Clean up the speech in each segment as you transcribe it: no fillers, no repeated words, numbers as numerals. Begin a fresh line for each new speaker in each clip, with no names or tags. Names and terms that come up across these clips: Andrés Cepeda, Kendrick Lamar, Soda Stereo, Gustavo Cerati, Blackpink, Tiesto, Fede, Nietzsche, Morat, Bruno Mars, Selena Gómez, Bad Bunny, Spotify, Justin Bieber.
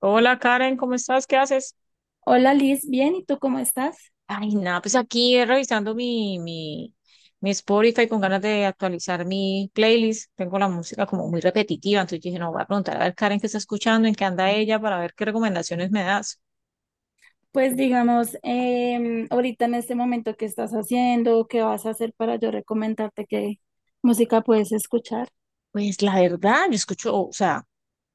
Hola Karen, ¿cómo estás? ¿Qué haces?
Hola Liz, bien, ¿y tú cómo estás?
Ay, nada, pues aquí revisando mi Spotify con ganas de actualizar mi playlist. Tengo la música como muy repetitiva, entonces dije, no, voy a preguntar a ver Karen qué está escuchando, en qué anda ella, para ver qué recomendaciones me das.
Pues digamos, ahorita en este momento, ¿qué estás haciendo? ¿Qué vas a hacer para yo recomendarte qué música puedes escuchar?
Pues la verdad, yo escucho, o sea,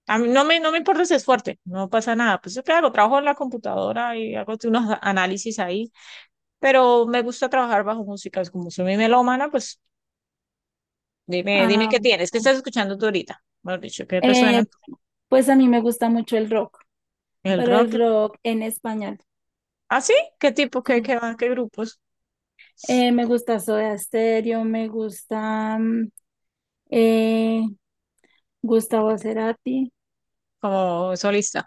a mí no me importa si es fuerte, no pasa nada. Pues claro, trabajo en la computadora y hago unos análisis ahí, pero me gusta trabajar bajo música, es como soy mi melómana, pues dime
Ah,
qué tienes, qué estás escuchando tú ahorita. Mejor dicho, ¿qué te suena?
eh, pues a mí me gusta mucho el rock,
El
pero el
rock.
rock en español.
¿Ah, sí? ¿Qué tipo,
Sí.
qué grupos?
Me gusta Soda Stereo, me gusta eh, Gustavo Cerati.
Como solista.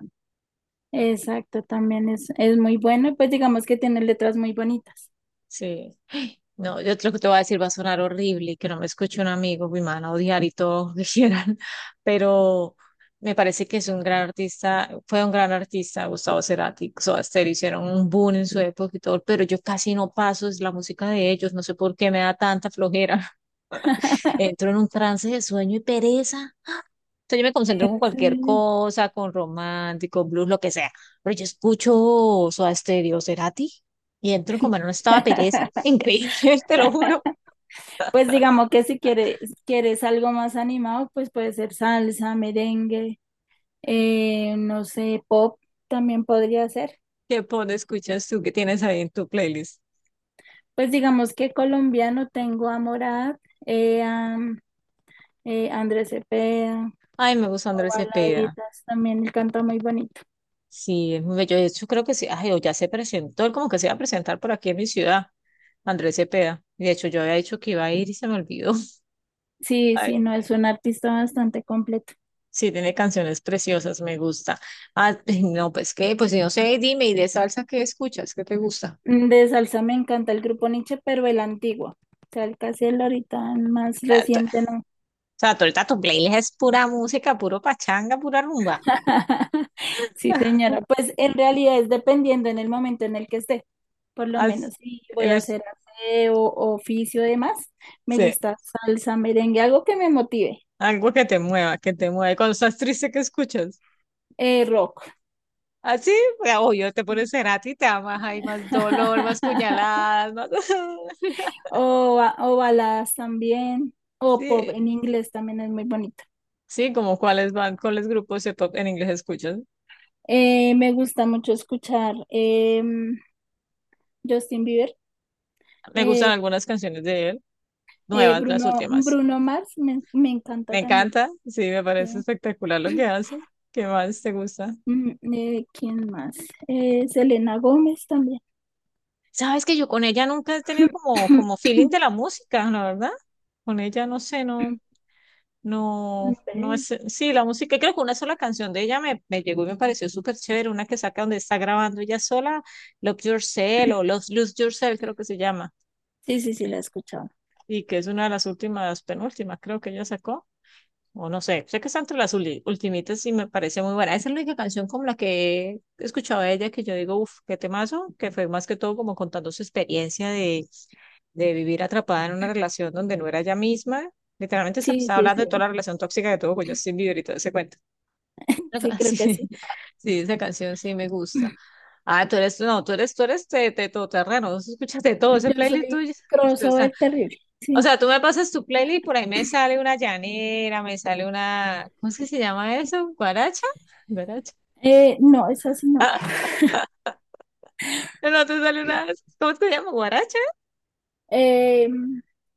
Exacto, también es muy bueno. Pues digamos que tiene letras muy bonitas.
Sí. Ay, no, yo creo que te voy a decir, va a sonar horrible y que no me escuche un amigo, mi mano, odiar y todo, dijeran. Pero me parece que es un gran artista, fue un gran artista, Gustavo Cerati, Soda Stereo, hicieron un boom en su época y todo, pero yo casi no paso, es la música de ellos, no sé por qué me da tanta flojera. Entro en un trance de sueño y pereza sea, yo me concentro con cualquier
Sí.
cosa, con romántico, blues, lo que sea. Pero yo escucho Soda Stereo, Cerati, y entro como en un estado de pereza. Increíble, te lo juro.
Pues digamos que si quieres, quieres algo más animado, pues puede ser salsa, merengue, no sé, pop también podría ser.
¿ Escuchas tú qué tienes ahí en tu playlist?
Pues digamos que colombiano tengo a Morat, a Andrés Cepeda,
Ay, me gusta
o
Andrés Cepeda.
baladitas, también él canta muy bonito.
Sí, es muy bello. De hecho, creo que sí. Ay, o ya se presentó, él como que se iba a presentar por aquí en mi ciudad, Andrés Cepeda. Y de hecho, yo había dicho que iba a ir y se me olvidó.
Sí, sí, no, es un artista bastante completo.
Sí, tiene canciones preciosas, me gusta. Ah, no, pues no sé, dime, ¿y de salsa qué escuchas? ¿Qué te gusta?
Mm, de salsa me encanta el grupo Nietzsche, pero el antiguo. O sea, el casi el ahorita más
Ah, t-
reciente no.
O sea, tú ahorita tu playlist es pura música, puro pachanga, pura rumba.
Sí, señora. Pues en realidad es dependiendo en el momento en el que esté. Por lo
Haz-
menos si voy a
eres-
hacer aseo, oficio, demás. Me
sí,
gusta salsa, merengue, algo que me motive.
algo que te mueva, que te mueva. Y cuando estás triste, ¿qué escuchas?
Rock.
Así, obvio, te pones Cerati y te amas, hay más dolor, más puñaladas, más...
O, o baladas también. O pop
Sí,
en inglés también es muy bonito.
sí, como cuáles cuáles grupos de pop en inglés escuchas.
Me gusta mucho escuchar Justin Bieber.
Me gustan
Eh,
algunas canciones de él, nuevas, las últimas.
Bruno Mars me encanta
Me
también.
encanta, sí, me
Sí.
parece espectacular lo que hace. ¿Qué más te gusta?
Mm, ¿quién más? Selena Gómez también.
Sabes que yo con ella nunca he tenido como, feeling de la música, la verdad. Con ella no sé, no, no,
Hombre.
no es. Sí, la música, creo que una sola canción de ella me llegó y me pareció súper chévere. Una que saca donde está grabando ella sola, Love Yourself o Lose Yourself, creo que se llama.
Sí, sí, sí, la he escuchado.
Y que es una de las últimas, penúltimas, creo que ella sacó. O no sé, sé que está entre las ultimitas y me parece muy buena. Esa es la única canción como la que he escuchado de ella que yo digo, uff, qué temazo, que fue más que todo como contando su experiencia de, vivir atrapada en una relación donde no era ella misma. Literalmente se
Sí,
estaba
sí,
hablando de toda
sí.
la relación tóxica que tuvo con Justin Bieber y todo ese cuento.
Sí, creo
Sí,
que sí.
sí, esa canción sí me gusta. Ah, tú eres, no, tú eres de todoterreno, escuchas de todo ese
Yo
playlist
soy
tuyo.
crossover terrible.
O
Sí.
sea, tú me pasas tu playlist por ahí me sale una llanera, me sale una, ¿cómo es que se llama eso? ¿Guaracha? ¿Guaracha?
No, es así, no.
No, no, te sale una, ¿cómo es que se llama? ¿Guaracha?
Eh,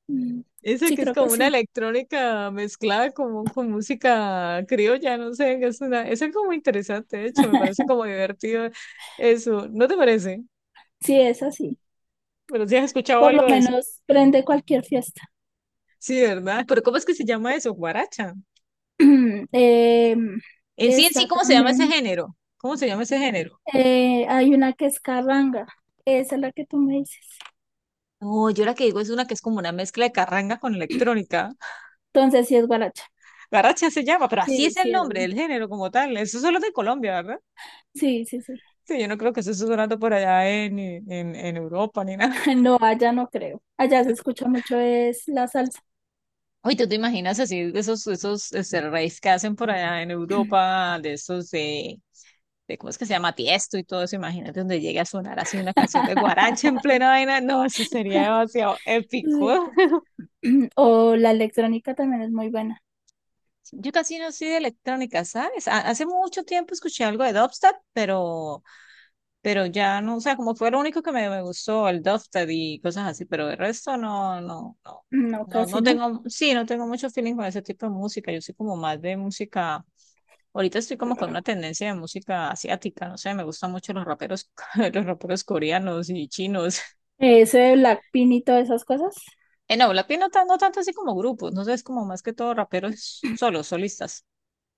mm,
Esa
sí,
que es
creo que
como una
sí.
electrónica mezclada con música criolla, no sé, es una, eso es como interesante, de hecho, me parece como divertido eso, ¿no te parece?
Sí, es así.
Pero si has escuchado
Por lo
algo de eso.
menos prende cualquier fiesta.
Sí, ¿verdad? Pero ¿cómo es que se llama eso? ¿Guaracha?
Eh,
En
está
sí, ¿cómo se llama ese
también.
género? ¿Cómo se llama ese género?
Hay una que es carranga. Esa es la que tú me dices.
No, yo la que digo es una que es como una mezcla de carranga con electrónica.
Entonces, sí es guaracha.
Garracha se llama, pero así
Sí,
es el
sí es.
nombre
¿No?
del género como tal. Eso solo es de Colombia, ¿verdad?
Sí, sí, sí.
Sí, yo no creo que eso esté sonando por allá en, Europa ni nada.
No, allá no creo. Allá se escucha mucho es la salsa.
Oye, ¿tú te imaginas así esos raves que hacen por allá en Europa, de esos de cómo es que se llama Tiesto y todo eso? Imagínate donde llegue a sonar así una canción de guaracha en plena vaina. No, eso sería demasiado
Ay,
épico.
Dios. O la electrónica también es muy buena.
Yo casi no soy de electrónica, ¿sabes? Hace mucho tiempo escuché algo de dubstep, pero ya no, o sea, como fue lo único que me gustó, el Dofted y cosas así, pero el resto no, no, no,
No,
no,
casi
no
no.
tengo, sí, no tengo mucho feeling con ese tipo de música, yo soy como más de música, ahorita estoy como con una tendencia de música asiática, no sé, me gustan mucho los raperos, los raperos coreanos y chinos.
Ese de Blackpink y todas esas cosas.
No, Blackpink no, no tanto así como grupos, no sé, es como más que todo raperos solos, solistas.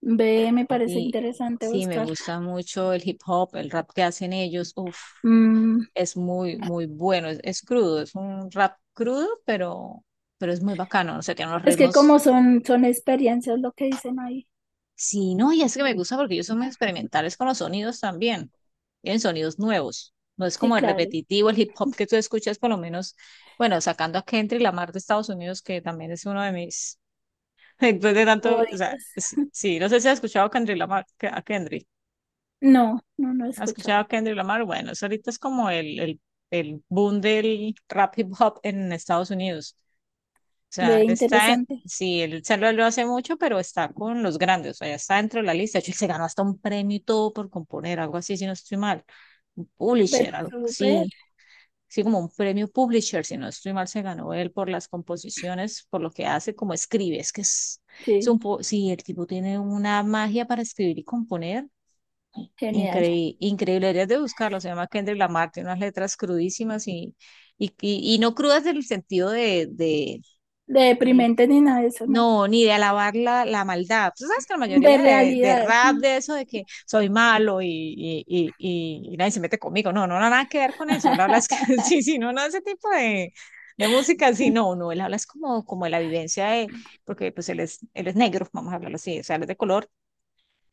Ve, me parece
Y
interesante
sí, me
buscar.
gusta mucho el hip hop, el rap que hacen ellos, uff.
Mm,
Es muy, muy bueno, es crudo, es un rap crudo, pero es muy bacano, o sea, tiene unos
es que
ritmos,
como son, son experiencias lo que dicen ahí.
sí, no, y es que me gusta porque ellos son muy experimentales con los sonidos también, tienen sonidos nuevos, no es
Sí,
como el
claro.
repetitivo, el hip hop que tú escuchas, por lo menos, bueno, sacando a Kendrick Lamar de Estados Unidos, que también es uno de mis, después de tanto, o sea,
Favoritas.
sí, sí, no sé si has escuchado a Kendrick Lamar, a Kendrick,
No, no, no he
¿has
escuchado.
escuchado a Kendrick Lamar? Bueno, eso ahorita es como el boom del rap hip hop en Estados Unidos. O sea,
Ve,
él está,
interesante.
sí, él se lo hace mucho, pero está con los grandes, o sea, ya está dentro de la lista. De hecho, él se ganó hasta un premio y todo por componer, algo así, si no estoy mal. Un
Pero
publisher, algo
súper.
así, sí, como un premio publisher, si no estoy mal, se ganó él por las composiciones, por lo que hace, como escribe. Es que
Sí,
sí, el tipo tiene una magia para escribir y componer.
genial.
Increíble, increíble, deberías de buscarlo, se llama Kendrick Lamar, tiene unas letras crudísimas y no crudas del sentido de,
De deprimente ni nada de eso, no.
no, ni de alabar la maldad. Tú sabes que la
De
mayoría de
realidades.
rap, de eso, de que soy malo y nadie se mete conmigo. No, no, no, nada que ver con eso. Él habla, es que, sí, sí, no, no, ese tipo de, música, sí, no, no, él habla es como, de la vivencia de, porque pues él es negro, vamos a hablarlo así, o sea, él es de color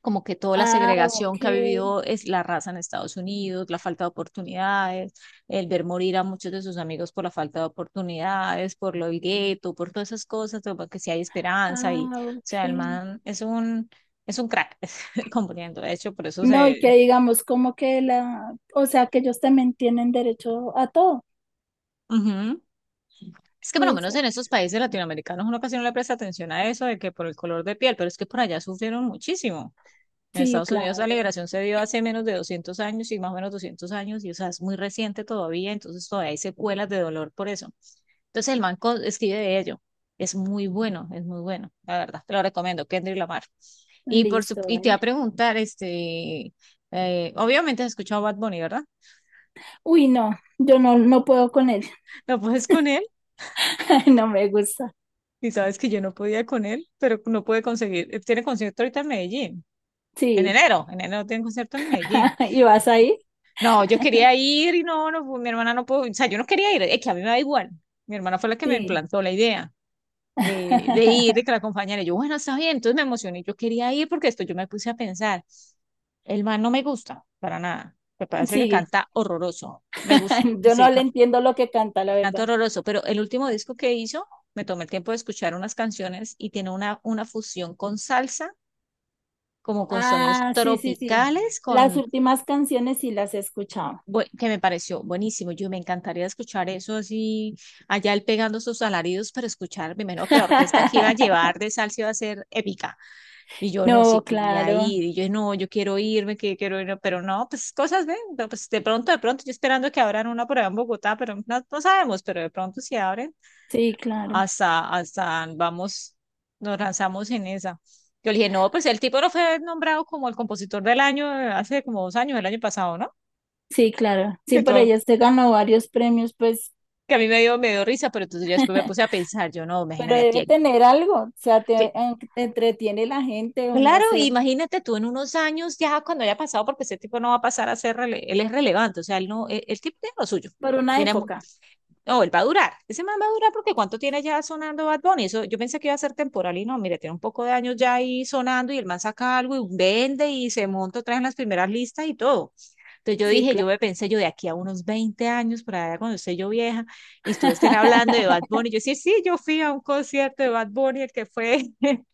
como que toda la
Ah, ok,
segregación que ha vivido es la raza en Estados Unidos, la falta de oportunidades, el ver morir a muchos de sus amigos por la falta de oportunidades, por lo del gueto, por todas esas cosas, como que si hay esperanza y,
ah,
o
ok.
sea, el man es un crack componiendo, de hecho, por eso
No, y
se...
que digamos como que la, o sea, que ellos también tienen derecho a todo.
Ujú. Es que por lo menos
Eso.
en esos países latinoamericanos uno casi no le presta atención a eso de que por el color de piel, pero es que por allá sufrieron muchísimo. En
Sí,
Estados Unidos la
claro.
liberación se dio hace menos de 200 años y más o menos 200 años, y o sea, es muy reciente todavía, entonces todavía hay secuelas de dolor por eso. Entonces el man escribe de ello. Es muy bueno, la verdad. Te lo recomiendo, Kendrick Lamar. Y,
Listo,
y te va a
vale.
preguntar, obviamente has escuchado Bad Bunny, ¿verdad?
Uy, no, yo no, no puedo con él.
No puedes con él,
No me gusta.
y sabes que yo no podía con él, pero no pude conseguir. Él tiene concierto ahorita en Medellín, en
Sí.
enero, en enero tiene concierto en Medellín.
¿Y vas ahí?
No, yo quería ir y no, no, mi hermana no pudo, o sea, yo no quería ir, es que a mí me da igual. Mi hermana fue la que me
Sí.
implantó la idea de, ir, de que la acompañara. Y yo, bueno, está bien, entonces me emocioné, yo quería ir porque esto yo me puse a pensar, el man no me gusta para nada, me parece que
Sigue.
canta horroroso, me gusta,
Yo no
sí,
le entiendo lo que canta, la
canta
verdad.
horroroso, pero el último disco que hizo, me tomé el tiempo de escuchar unas canciones y tiene una fusión con salsa, como con sonidos
Ah, sí, sí, sí.
tropicales,
Las últimas canciones sí las he escuchado.
que me pareció buenísimo. Yo me encantaría escuchar eso así, allá él pegando sus alaridos para escuchar. Primero que la orquesta que iba a llevar de salsa iba a ser épica. Y yo no, sí
No,
quería
claro.
ir. Y yo no, yo quiero irme, que quiero ir. Pero no, pues cosas ven. No, pues de pronto, yo esperando que abran una por allá en Bogotá, pero no, no sabemos. Pero de pronto si abren,
Sí, claro.
hasta, vamos, nos lanzamos en esa. Yo le dije, no, pues el tipo no fue nombrado como el compositor del año hace como 2 años, el año pasado, ¿no?
Sí, claro. Sí,
Que
por
todo
ella se ganó varios premios, pues,
que a mí me dio risa, pero entonces yo después me puse a pensar, yo no,
pero
imagínate aquí.
debe tener algo. O sea,
Que-
te entretiene la gente o no
Claro,
sé,
imagínate tú en unos años ya cuando haya pasado, porque ese tipo no va a pasar a ser, él es relevante, o sea, él no, el tipo tiene lo suyo.
por una
Tiene mu-
época.
no, él va a durar, ese man va a durar porque cuánto tiene ya sonando Bad Bunny, eso, yo pensé que iba a ser temporal y no, mire, tiene un poco de años ya ahí sonando y el man saca algo y vende y se monta otra vez en las primeras listas y todo. Entonces yo
Sí,
dije, yo
claro.
me pensé, yo de aquí a unos 20 años, para allá cuando esté yo vieja, y ustedes estén hablando de Bad Bunny. Yo sí, sí, yo fui a un concierto de Bad Bunny, el que fue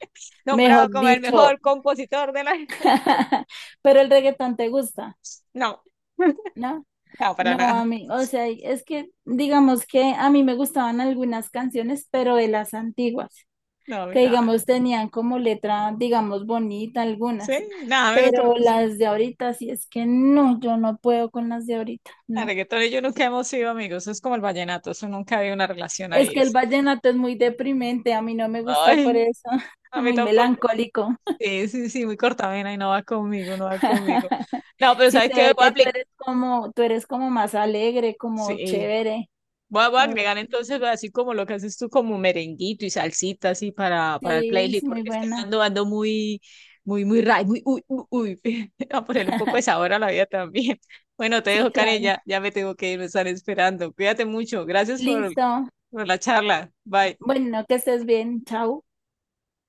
nombrado
Mejor
como el
dicho.
mejor compositor de la...
Pero el reggaetón te gusta,
No,
¿no?
no, para
No,
nada.
a mí, o sea, es que digamos que a mí me gustaban algunas canciones, pero de las antiguas.
No, a mí
Que
nada.
digamos tenían como letra, digamos, bonita
Sí,
algunas,
nada, menos que me
pero
gustó.
las de ahorita sí es que no, yo no puedo con las de ahorita,
El
no.
reggaetón y yo nunca hemos sido amigos, es como el vallenato, eso nunca había una relación
Es
ahí,
que el
eso.
vallenato es muy deprimente, a mí no me gusta
Ay,
por eso,
a
es
mí
muy
tampoco.
melancólico.
Sí, sí, sí, muy cortavena y no va conmigo, no va conmigo. No, pero
Sí
¿sabes
se
qué?
ve
Voy a
que
aplicar.
tú eres como más alegre, como
Sí,
chévere.
voy a
Obvio.
agregar entonces, así como lo que haces tú, como merenguito y salsita así para, el
Sí, es
playlist,
muy
porque es que
buena.
ando muy, muy, muy, muy, uy, uy, uy. A ponerle un poco de sabor a la vida también. Bueno, te
Sí,
dejo, Karen,
claro.
ya, ya me tengo que ir, me están esperando. Cuídate mucho. Gracias por,
Listo.
por la charla. Bye.
Bueno, que estés bien. Chao.